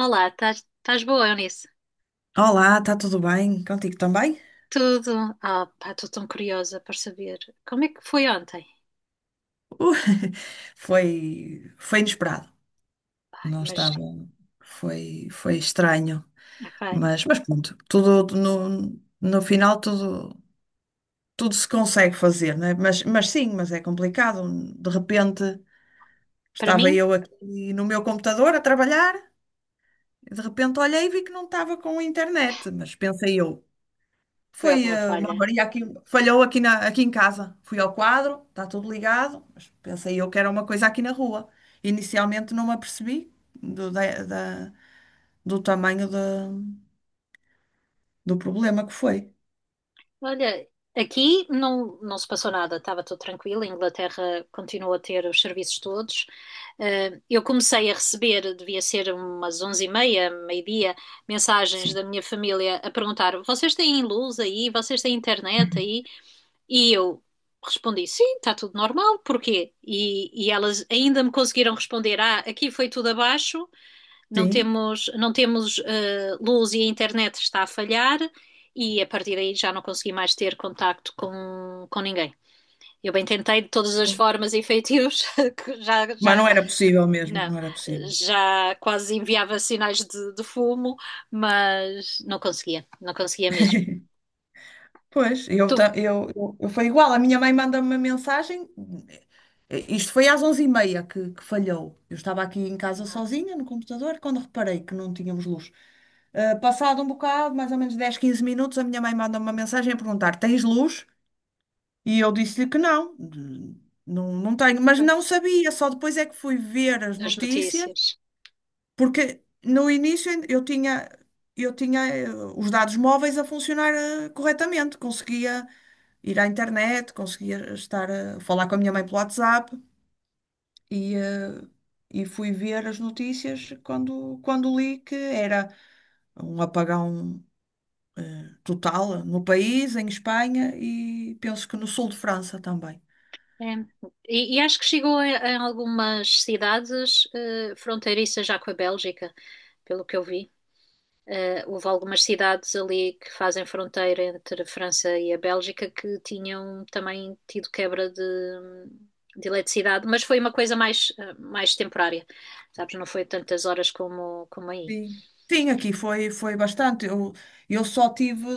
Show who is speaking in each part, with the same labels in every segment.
Speaker 1: Olá, estás boa, Eunice?
Speaker 2: Olá, está tudo bem? Contigo também?
Speaker 1: Tudo? Estou tão curiosa para saber como é que foi ontem.
Speaker 2: Uh, foi inesperado.
Speaker 1: Ai,
Speaker 2: Não
Speaker 1: mas,
Speaker 2: estava. Foi estranho.
Speaker 1: epá,
Speaker 2: Mas pronto, tudo no final tudo, tudo se consegue fazer, não é? Mas sim, mas é complicado. De repente
Speaker 1: para
Speaker 2: estava
Speaker 1: mim,
Speaker 2: eu aqui no meu computador a trabalhar, e de repente olhei e vi que não estava com internet. Mas pensei eu,
Speaker 1: foi
Speaker 2: foi
Speaker 1: alguma
Speaker 2: uma
Speaker 1: falha.
Speaker 2: avaria aqui, falhou aqui em casa. Fui ao quadro, está tudo ligado, mas pensei eu que era uma coisa aqui na rua. Inicialmente não me apercebi do tamanho do problema que foi.
Speaker 1: Olha, aqui não se passou nada, estava tudo tranquilo. A Inglaterra continua a ter os serviços todos. Eu comecei a receber, devia ser umas onze e meia, meio-dia, mensagens
Speaker 2: Sim.
Speaker 1: da minha família a perguntar: vocês têm luz aí? Vocês têm internet aí? E eu respondi: sim, está tudo normal, porquê? E elas ainda me conseguiram responder: ah, aqui foi tudo abaixo, não
Speaker 2: Sim.
Speaker 1: temos, não temos eh, luz e a internet está a falhar, e a partir daí já não consegui mais ter contacto com ninguém. Eu bem tentei de todas as formas e feitios, que já,
Speaker 2: Mas
Speaker 1: já,
Speaker 2: não era possível mesmo,
Speaker 1: não,
Speaker 2: não era possível.
Speaker 1: já quase enviava sinais de fumo, mas não conseguia mesmo.
Speaker 2: Pois, eu,
Speaker 1: Tu,
Speaker 2: ta- eu foi igual. A minha mãe manda-me uma mensagem. Isto foi às onze e meia que falhou. Eu estava aqui em casa sozinha no computador quando reparei que não tínhamos luz. Passado um bocado, mais ou menos 10 15 minutos, a minha mãe manda-me uma mensagem a perguntar: tens luz? E eu disse-lhe que não, não tenho, mas não sabia, só depois é que fui ver as
Speaker 1: as
Speaker 2: notícias
Speaker 1: notícias.
Speaker 2: porque no início ainda eu tinha os dados móveis a funcionar corretamente, conseguia ir à internet, conseguia estar a falar com a minha mãe pelo WhatsApp e, e fui ver as notícias quando li que era um apagão total no país, em Espanha e penso que no sul de França também.
Speaker 1: É. E acho que chegou em algumas cidades fronteiriças já com a Bélgica, pelo que eu vi. Houve algumas cidades ali que fazem fronteira entre a França e a Bélgica que tinham também tido quebra de eletricidade, mas foi uma coisa mais, mais temporária, sabes? Não foi tantas horas como aí.
Speaker 2: Sim. Sim, aqui foi, foi bastante. Eu só tive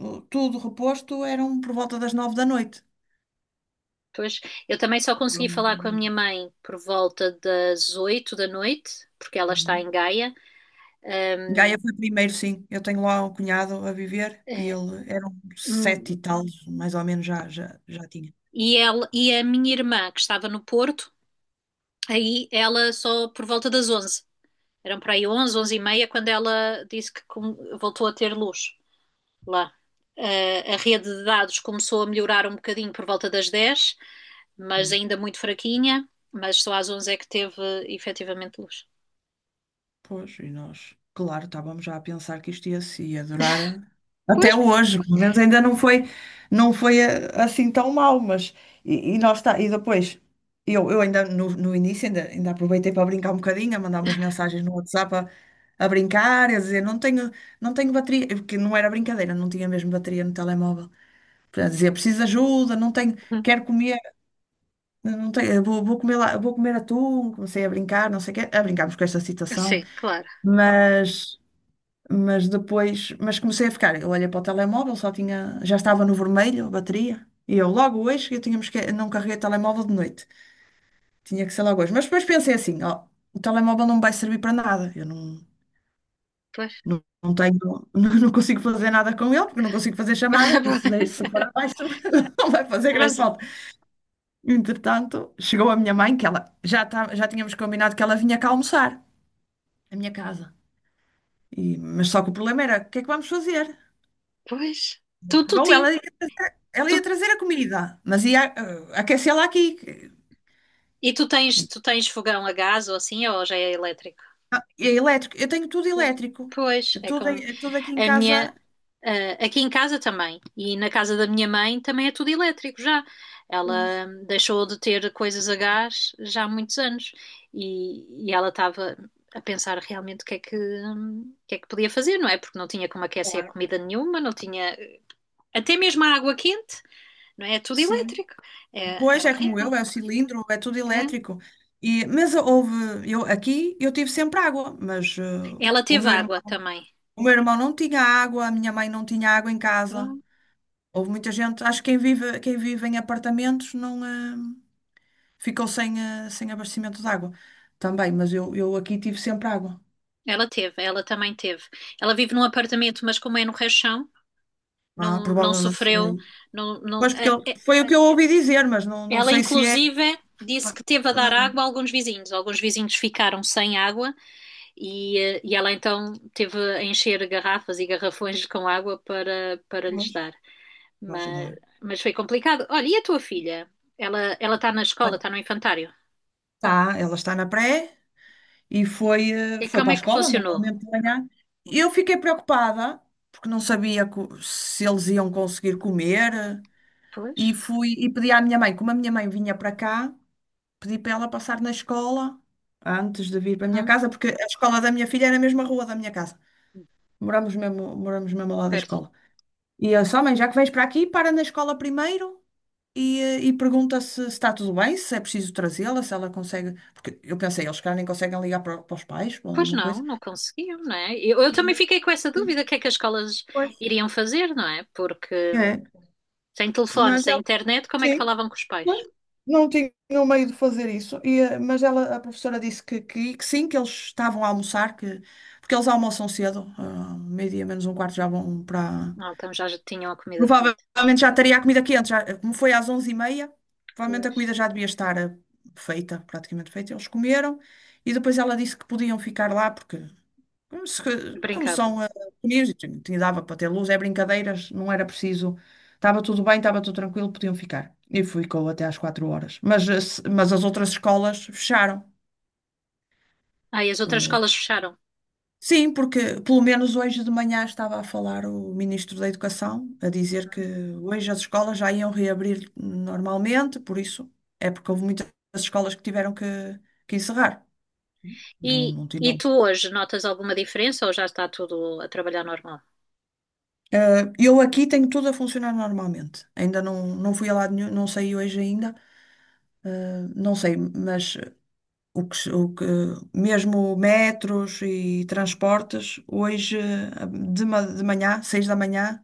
Speaker 2: tudo reposto, eram por volta das nove da noite.
Speaker 1: Pois, eu também só
Speaker 2: Por
Speaker 1: consegui falar com a minha
Speaker 2: um-
Speaker 1: mãe por volta das 8 da noite, porque ela está
Speaker 2: Uhum.
Speaker 1: em Gaia. Ahm,
Speaker 2: Gaia foi primeiro, sim. Eu tenho lá um cunhado a viver e
Speaker 1: eh,
Speaker 2: ele era um
Speaker 1: hum,
Speaker 2: sete e tal, mais ou menos já, já, já tinha.
Speaker 1: E, ela, e a minha irmã, que estava no Porto, aí ela só por volta das onze. Eram por aí onze, e meia, quando ela disse que voltou a ter luz lá. A rede de dados começou a melhorar um bocadinho por volta das dez, mas
Speaker 2: Sim.
Speaker 1: ainda muito fraquinha. Mas só às 11 é que teve efetivamente luz.
Speaker 2: Pois, e nós, claro, estávamos já a pensar que isto ia, se- ia durar
Speaker 1: Pois,
Speaker 2: até hoje, pelo menos ainda não foi, não foi assim tão mal. Mas e nós está, e depois eu ainda no início ainda, ainda aproveitei para brincar um bocadinho, a mandar umas mensagens no WhatsApp a brincar, a dizer não tenho, não tenho bateria, porque não era brincadeira, não tinha mesmo bateria no telemóvel. Para dizer, preciso de ajuda, não tenho,
Speaker 1: hum,
Speaker 2: quero comer, não tenho, vou, vou comer lá, vou comer atum, comecei a brincar, não sei o quê, a brincarmos com esta situação.
Speaker 1: sim, claro.
Speaker 2: Mas mas comecei a ficar. Eu olhei para o telemóvel, só tinha, já estava no vermelho a bateria. E eu logo hoje, eu tinha, não carreguei o telemóvel de noite. Tinha que ser logo hoje. Mas depois pensei assim, ó, o telemóvel não me vai servir para nada. Eu não,
Speaker 1: Pois.
Speaker 2: não, não tenho, não consigo fazer nada com ele, porque não consigo fazer chamadas, por isso se for abaixo, não vai fazer grande
Speaker 1: Mas,
Speaker 2: falta. Entretanto, chegou a minha mãe, que ela já, tá, já tínhamos combinado que ela vinha cá almoçar, à minha casa. Mas só que o problema era, o que é que vamos fazer?
Speaker 1: pois. Tu, tu,
Speaker 2: Bom,
Speaker 1: tin-
Speaker 2: ela
Speaker 1: tu,
Speaker 2: ia trazer a comida, mas ia aquecê-la aqui.
Speaker 1: e tu tens fogão a gás ou assim, ou já é elétrico?
Speaker 2: É elétrico. Eu tenho tudo
Speaker 1: Pois,
Speaker 2: elétrico.
Speaker 1: pois,
Speaker 2: É
Speaker 1: é
Speaker 2: tudo,
Speaker 1: com.
Speaker 2: é tudo aqui em
Speaker 1: A minha,
Speaker 2: casa.
Speaker 1: ah, aqui em casa também, e na casa da minha mãe também é tudo elétrico já.
Speaker 2: Pois,
Speaker 1: Ela deixou de ter coisas a gás já há muitos anos e ela estava a pensar realmente o que é que, o que é que podia fazer, não é? Porque não tinha como aquecer
Speaker 2: claro.
Speaker 1: comida nenhuma, não tinha até mesmo a água quente, não é? É tudo
Speaker 2: Sim.
Speaker 1: elétrico. É, é
Speaker 2: Pois é como
Speaker 1: horrível.
Speaker 2: eu, é o cilindro, é tudo
Speaker 1: É.
Speaker 2: elétrico. E, mas houve, eu, aqui eu tive sempre água, mas
Speaker 1: Ela
Speaker 2: o
Speaker 1: teve
Speaker 2: meu irmão,
Speaker 1: água também.
Speaker 2: o meu irmão não tinha água, a minha mãe não tinha água em casa. Houve muita gente, acho que quem vive em apartamentos não. Ficou sem, sem abastecimento de água também, mas eu aqui tive sempre água.
Speaker 1: Ela teve, ela também teve. Ela vive num apartamento, mas como é no rechão,
Speaker 2: Ah,
Speaker 1: não
Speaker 2: provavelmente será
Speaker 1: sofreu.
Speaker 2: isso.
Speaker 1: Não, não,
Speaker 2: Pois, porque
Speaker 1: eh, eh,
Speaker 2: foi o que eu ouvi dizer, mas não, não
Speaker 1: ela,
Speaker 2: sei se é
Speaker 1: inclusive, disse que teve a
Speaker 2: toda
Speaker 1: dar
Speaker 2: a
Speaker 1: água a
Speaker 2: gente.
Speaker 1: alguns vizinhos. Alguns vizinhos ficaram sem água e ela então teve a encher garrafas e garrafões com água para lhes
Speaker 2: Pois,
Speaker 1: dar.
Speaker 2: vou
Speaker 1: Mas,
Speaker 2: ajudar.
Speaker 1: mas foi complicado. Olha, e a tua filha? Ela está na escola,
Speaker 2: Olha,
Speaker 1: está no infantário.
Speaker 2: tá, ela está na pré e foi,
Speaker 1: E
Speaker 2: foi
Speaker 1: como
Speaker 2: para
Speaker 1: é
Speaker 2: a
Speaker 1: que
Speaker 2: escola,
Speaker 1: funcionou?
Speaker 2: normalmente de manhã.
Speaker 1: Hum,
Speaker 2: Eu fiquei preocupada, porque não sabia se eles iam conseguir comer,
Speaker 1: Pois,
Speaker 2: e fui e pedi à minha mãe, como a minha mãe vinha para cá. Pedi para ela passar na escola antes de vir para a minha
Speaker 1: uhum,
Speaker 2: casa, porque a escola da minha filha era na mesma rua da minha casa. Moramos mesmo ao lado da
Speaker 1: pertinho.
Speaker 2: escola. E eu só, mãe, já que vens para aqui, para na escola primeiro e, e pergunta se está tudo bem, se é preciso trazê-la, se ela consegue. Porque eu pensei, eles cá nem conseguem ligar para os pais ou
Speaker 1: Pois
Speaker 2: alguma
Speaker 1: não,
Speaker 2: coisa.
Speaker 1: não conseguiam, não é? Eu também
Speaker 2: E-
Speaker 1: fiquei com essa
Speaker 2: Sim.
Speaker 1: dúvida, o que é que as escolas
Speaker 2: Pois.
Speaker 1: iriam fazer, não é? Porque
Speaker 2: É,
Speaker 1: sem telefone,
Speaker 2: mas
Speaker 1: sem
Speaker 2: ela,
Speaker 1: internet, como é que
Speaker 2: sim.
Speaker 1: falavam com os pais?
Speaker 2: Pois, não tinha meio de fazer isso, e, mas ela, a professora disse que sim, que eles estavam a almoçar, que, porque eles almoçam cedo, ah, meio-dia menos um quarto já vão para.
Speaker 1: Ah, então já tinham a comida feita.
Speaker 2: Provavelmente já estaria a comida quente, já, como foi às onze e meia provavelmente a
Speaker 1: Pois.
Speaker 2: comida já devia estar feita, praticamente feita. Eles comeram e depois ela disse que podiam ficar lá, porque como, se, como
Speaker 1: Brincavam.
Speaker 2: são pequeninos, e dava para ter luz, é brincadeiras, não era preciso. Estava tudo bem, estava tudo tranquilo, podiam ficar. E ficou até às quatro horas. Mas, mas as outras escolas fecharam.
Speaker 1: Ah, e as outras
Speaker 2: Eh,
Speaker 1: escolas fecharam.
Speaker 2: Sim, porque pelo menos hoje de manhã estava a falar o Ministro da Educação, a dizer que
Speaker 1: Uhum.
Speaker 2: hoje as escolas já iam reabrir normalmente, por isso é porque houve muitas escolas que tiveram que encerrar. Não,
Speaker 1: E,
Speaker 2: não
Speaker 1: e
Speaker 2: tinham.
Speaker 1: tu hoje notas alguma diferença ou já está tudo a trabalhar normal?
Speaker 2: Ah, eu aqui tenho tudo a funcionar normalmente. Ainda não, não fui a lado nenhum, não sei hoje ainda. Ah, não sei, mas ah, o que, se- o que- mesmo metros e transportes, hoje ah, de manhã, seis da manhã,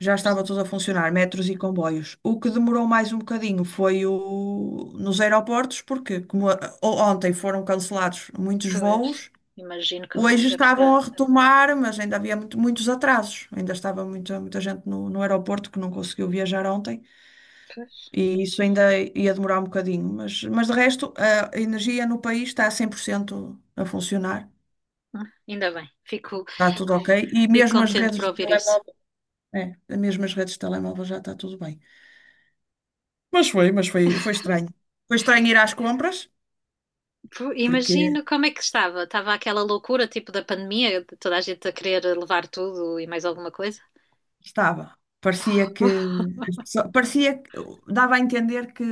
Speaker 2: já estava tudo a
Speaker 1: Ah,
Speaker 2: funcionar, metros e comboios. O que demorou mais um bocadinho foi nos aeroportos, porque como ontem foram cancelados muitos
Speaker 1: pois.
Speaker 2: voos.
Speaker 1: Imagino como é que
Speaker 2: Hoje
Speaker 1: deve estar.
Speaker 2: estavam a retomar, mas ainda havia muitos atrasos. Ainda estava muita, muita gente no aeroporto que não conseguiu viajar ontem
Speaker 1: Pois.
Speaker 2: e isso ainda ia demorar um bocadinho. Mas de resto, a energia no país está a 100% a funcionar.
Speaker 1: Ah, ainda bem, fico,
Speaker 2: Está tudo ok. E
Speaker 1: fico
Speaker 2: mesmo as
Speaker 1: contente
Speaker 2: redes
Speaker 1: por
Speaker 2: de
Speaker 1: ouvir isso.
Speaker 2: telemóvel, é, mesmo as redes de telemóvel já está tudo bem. Mas foi, foi estranho. Foi estranho ir às compras, porque
Speaker 1: Imagino como é que estava. Estava aquela loucura tipo da pandemia, de toda a gente a querer levar tudo e mais alguma coisa.
Speaker 2: estava. Parecia que, parecia que dava a entender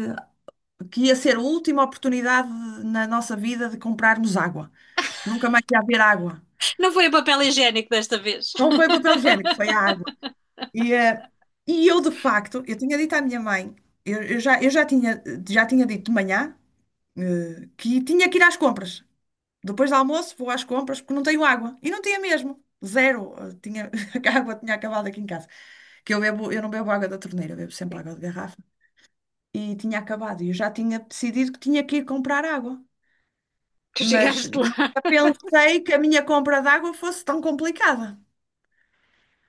Speaker 2: que ia ser a última oportunidade na nossa vida de comprarmos água, que nunca mais ia haver água.
Speaker 1: Não foi o papel higiênico desta vez.
Speaker 2: Não foi o papel higiênico, foi a água. E, e eu, de facto, eu tinha dito à minha mãe, eu já tinha dito de manhã, que tinha que ir às compras. Depois do almoço, vou às compras porque não tenho água. E não tinha mesmo. Zero. Tinha, a água tinha acabado aqui em casa. Que eu bebo, eu não bebo água da torneira, eu bebo sempre
Speaker 1: Sim.
Speaker 2: água de garrafa. E tinha acabado. E eu já tinha decidido que tinha que ir comprar água.
Speaker 1: Tu
Speaker 2: Mas
Speaker 1: chegaste lá.
Speaker 2: nunca pensei que a minha compra de água fosse tão complicada.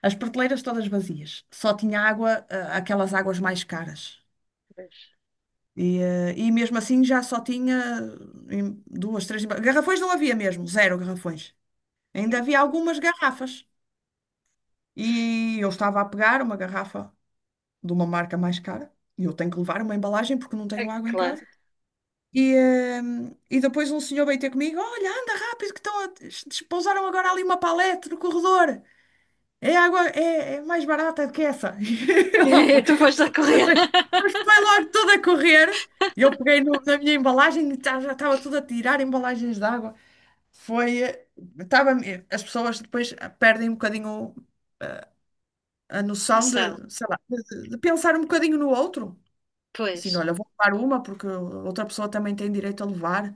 Speaker 2: As prateleiras todas vazias, só tinha água, ah, aquelas águas mais caras.
Speaker 1: Mas,
Speaker 2: E, e mesmo assim já só tinha em duas, três. Garrafões não havia mesmo, zero garrafões. Ainda
Speaker 1: meu
Speaker 2: havia
Speaker 1: Deus.
Speaker 2: algumas garrafas. E eu estava a pegar uma garrafa de uma marca mais cara. E eu tenho que levar uma embalagem porque não tenho
Speaker 1: A-
Speaker 2: água em
Speaker 1: claro.
Speaker 2: casa. E, e depois um senhor veio ter comigo: olha, anda rápido, que estão a... despousaram agora ali uma palete no corredor. É água, é, é mais barata do que essa. E lá foi.
Speaker 1: Tu foste a correr.
Speaker 2: Mas foi logo toda a correr. E eu peguei na minha embalagem e já estava tudo a tirar embalagens de água. Foi. Tava, as pessoas depois perdem um bocadinho a
Speaker 1: A
Speaker 2: noção de,
Speaker 1: Sela,
Speaker 2: sei lá, de pensar um bocadinho no outro. Assim,
Speaker 1: pois.
Speaker 2: olha, vou levar uma porque outra pessoa também tem direito a levar,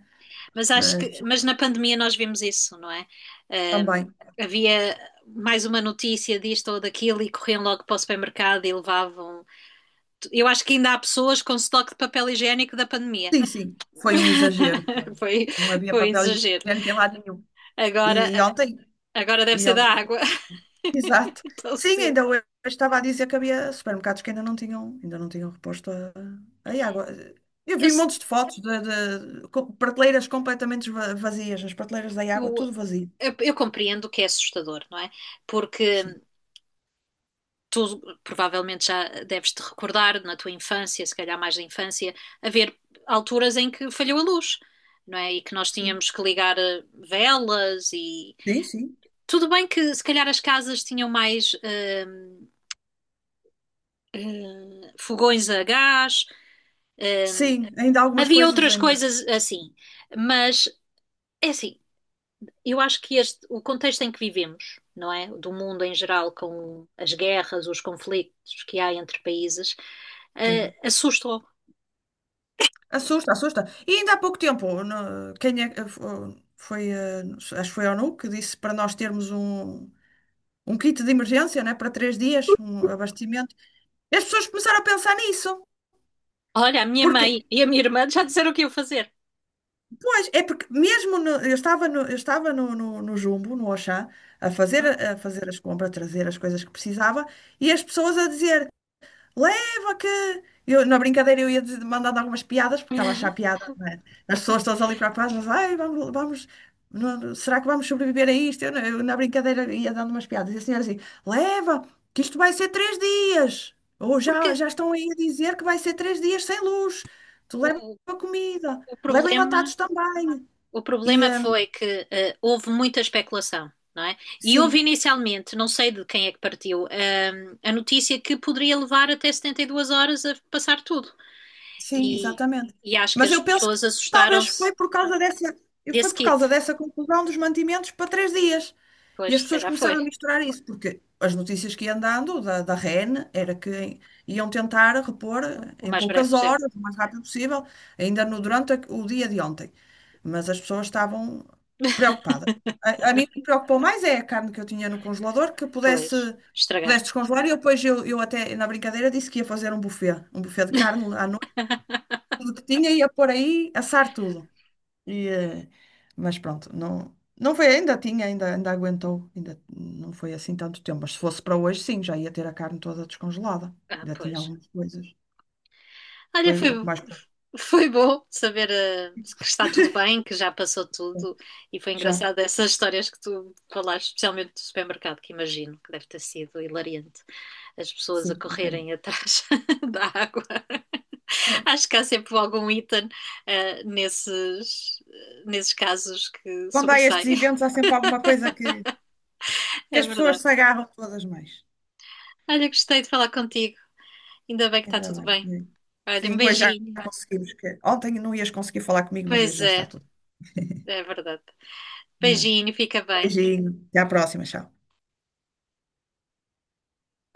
Speaker 1: Mas acho
Speaker 2: mas as
Speaker 1: que, mas
Speaker 2: pessoas
Speaker 1: na pandemia nós vimos isso, não é? Ahm,
Speaker 2: também.
Speaker 1: Havia mais uma notícia disto ou daquilo e corriam logo para o supermercado e levavam. Eu acho que ainda há pessoas com estoque de papel higiênico da pandemia.
Speaker 2: Sim, sim, foi um exagero. Foi.
Speaker 1: Foi,
Speaker 2: Não havia
Speaker 1: foi um
Speaker 2: papel
Speaker 1: exagero.
Speaker 2: higiênico em lado nenhum.
Speaker 1: Agora,
Speaker 2: E ontem,
Speaker 1: agora deve
Speaker 2: e
Speaker 1: ser da
Speaker 2: ontem
Speaker 1: água,
Speaker 2: exato.
Speaker 1: tão
Speaker 2: Sim,
Speaker 1: cedo.
Speaker 2: ainda hoje estava a dizer que havia supermercados que ainda não tinham reposto a água. Eu
Speaker 1: Eu,
Speaker 2: vi montes de fotos de, prateleiras completamente vazias, as prateleiras da água,
Speaker 1: eu
Speaker 2: tudo vazio.
Speaker 1: eu compreendo que é assustador, não é?
Speaker 2: Sim,
Speaker 1: Porque tu provavelmente já deves te recordar na tua infância, se calhar mais da infância, haver alturas em que falhou a luz, não é? E que nós
Speaker 2: sim,
Speaker 1: tínhamos que ligar velas e
Speaker 2: sim. Sim,
Speaker 1: tudo bem que se calhar as casas tinham mais fogões a gás, hum,
Speaker 2: sim, ainda algumas
Speaker 1: havia
Speaker 2: coisas
Speaker 1: outras
Speaker 2: ainda.
Speaker 1: coisas assim, mas é assim, eu acho que este, o contexto em que vivemos, não é? Do mundo em geral, com as guerras, os conflitos que há entre países,
Speaker 2: Sim.
Speaker 1: assustou.
Speaker 2: Assusta, assusta. E ainda há pouco tempo, no- quem é, eh, fo- foi, eh, acho que foi a ONU que disse para nós termos um, um kit de emergência, né, para três dias, um abastecimento. E as pessoas começaram a pensar nisso.
Speaker 1: Olha, a minha
Speaker 2: Porque
Speaker 1: mãe e a minha irmã já disseram o que iam fazer.
Speaker 2: pois, é porque mesmo eu estava no, eu estava no Jumbo, no Auchan,
Speaker 1: Uhum.
Speaker 2: a fazer as compras, a trazer as coisas que precisava, e as pessoas a dizer, leva que. Eu, na brincadeira eu ia dizer- mandando algumas piadas, porque estava a achar piada, não é? As pessoas todas ali para a paz, mas ai, vamos, vamos não- será que vamos sobreviver a isto? Eu na brincadeira ia dando umas piadas. E a senhora assim, leva, que isto vai ser três dias. Ou já,
Speaker 1: Porque
Speaker 2: já estão aí a dizer que vai ser três dias sem luz. Tu
Speaker 1: o,
Speaker 2: leva a comida,
Speaker 1: o
Speaker 2: leva
Speaker 1: problema,
Speaker 2: enlatados também.
Speaker 1: o
Speaker 2: E,
Speaker 1: problema foi que houve muita especulação, não é? E houve
Speaker 2: sim,
Speaker 1: inicialmente, não sei de quem é que partiu, a notícia que poderia levar até 72 horas a passar tudo.
Speaker 2: sim,
Speaker 1: E,
Speaker 2: exatamente.
Speaker 1: e acho que
Speaker 2: Mas
Speaker 1: as
Speaker 2: eu penso que
Speaker 1: pessoas
Speaker 2: talvez
Speaker 1: assustaram-se
Speaker 2: foi por causa dessa, foi
Speaker 1: desse
Speaker 2: por causa
Speaker 1: kit.
Speaker 2: dessa conclusão dos mantimentos para três dias. E
Speaker 1: Pois,
Speaker 2: as
Speaker 1: se
Speaker 2: pessoas
Speaker 1: calhar foi.
Speaker 2: começaram a misturar isso, porque as notícias que iam dando da REN era que iam tentar repor
Speaker 1: O
Speaker 2: em
Speaker 1: mais breve
Speaker 2: poucas
Speaker 1: possível.
Speaker 2: horas, o mais rápido possível, ainda no, durante o dia de ontem. Mas as pessoas estavam preocupadas. A mim o que me preocupou mais é a carne que eu tinha no congelador,
Speaker 1: Pois, estragar.
Speaker 2: pudesse descongelar. E eu depois eu até, na brincadeira, disse que ia fazer um buffet de carne à noite, tudo que tinha, ia pôr aí, assar tudo. E, mas pronto, não, não foi, ainda tinha, ainda, ainda aguentou, ainda não foi assim tanto tempo. Mas se fosse para hoje, sim, já ia ter a carne toda descongelada.
Speaker 1: Ah,
Speaker 2: Ainda tinha
Speaker 1: pois.
Speaker 2: algumas coisas.
Speaker 1: Olha,
Speaker 2: Foi
Speaker 1: foi,
Speaker 2: o que mais
Speaker 1: foi bom saber que está tudo bem, que já passou tudo.
Speaker 2: preocupante.
Speaker 1: E foi
Speaker 2: Já,
Speaker 1: engraçado essas histórias que tu falaste, especialmente do supermercado, que imagino que deve ter sido hilariante. As pessoas a
Speaker 2: sim, um bocadinho.
Speaker 1: correrem atrás da água.
Speaker 2: É.
Speaker 1: Acho que há sempre algum item nesses, nesses casos que
Speaker 2: Quando há
Speaker 1: sobressai.
Speaker 2: estes eventos, há sempre alguma coisa que
Speaker 1: É
Speaker 2: as pessoas
Speaker 1: verdade.
Speaker 2: se agarram todas mais.
Speaker 1: Olha, gostei de falar contigo. Ainda bem que está
Speaker 2: Ainda
Speaker 1: tudo bem.
Speaker 2: bem.
Speaker 1: Olha, um
Speaker 2: Sim, hoje já
Speaker 1: beijinho.
Speaker 2: conseguimos. Que... Ontem não ias conseguir falar comigo, mas hoje
Speaker 1: Pois
Speaker 2: já
Speaker 1: é,
Speaker 2: está tudo.
Speaker 1: é verdade.
Speaker 2: É.
Speaker 1: Beijinho, fica bem.
Speaker 2: Beijinho, até à próxima, tchau.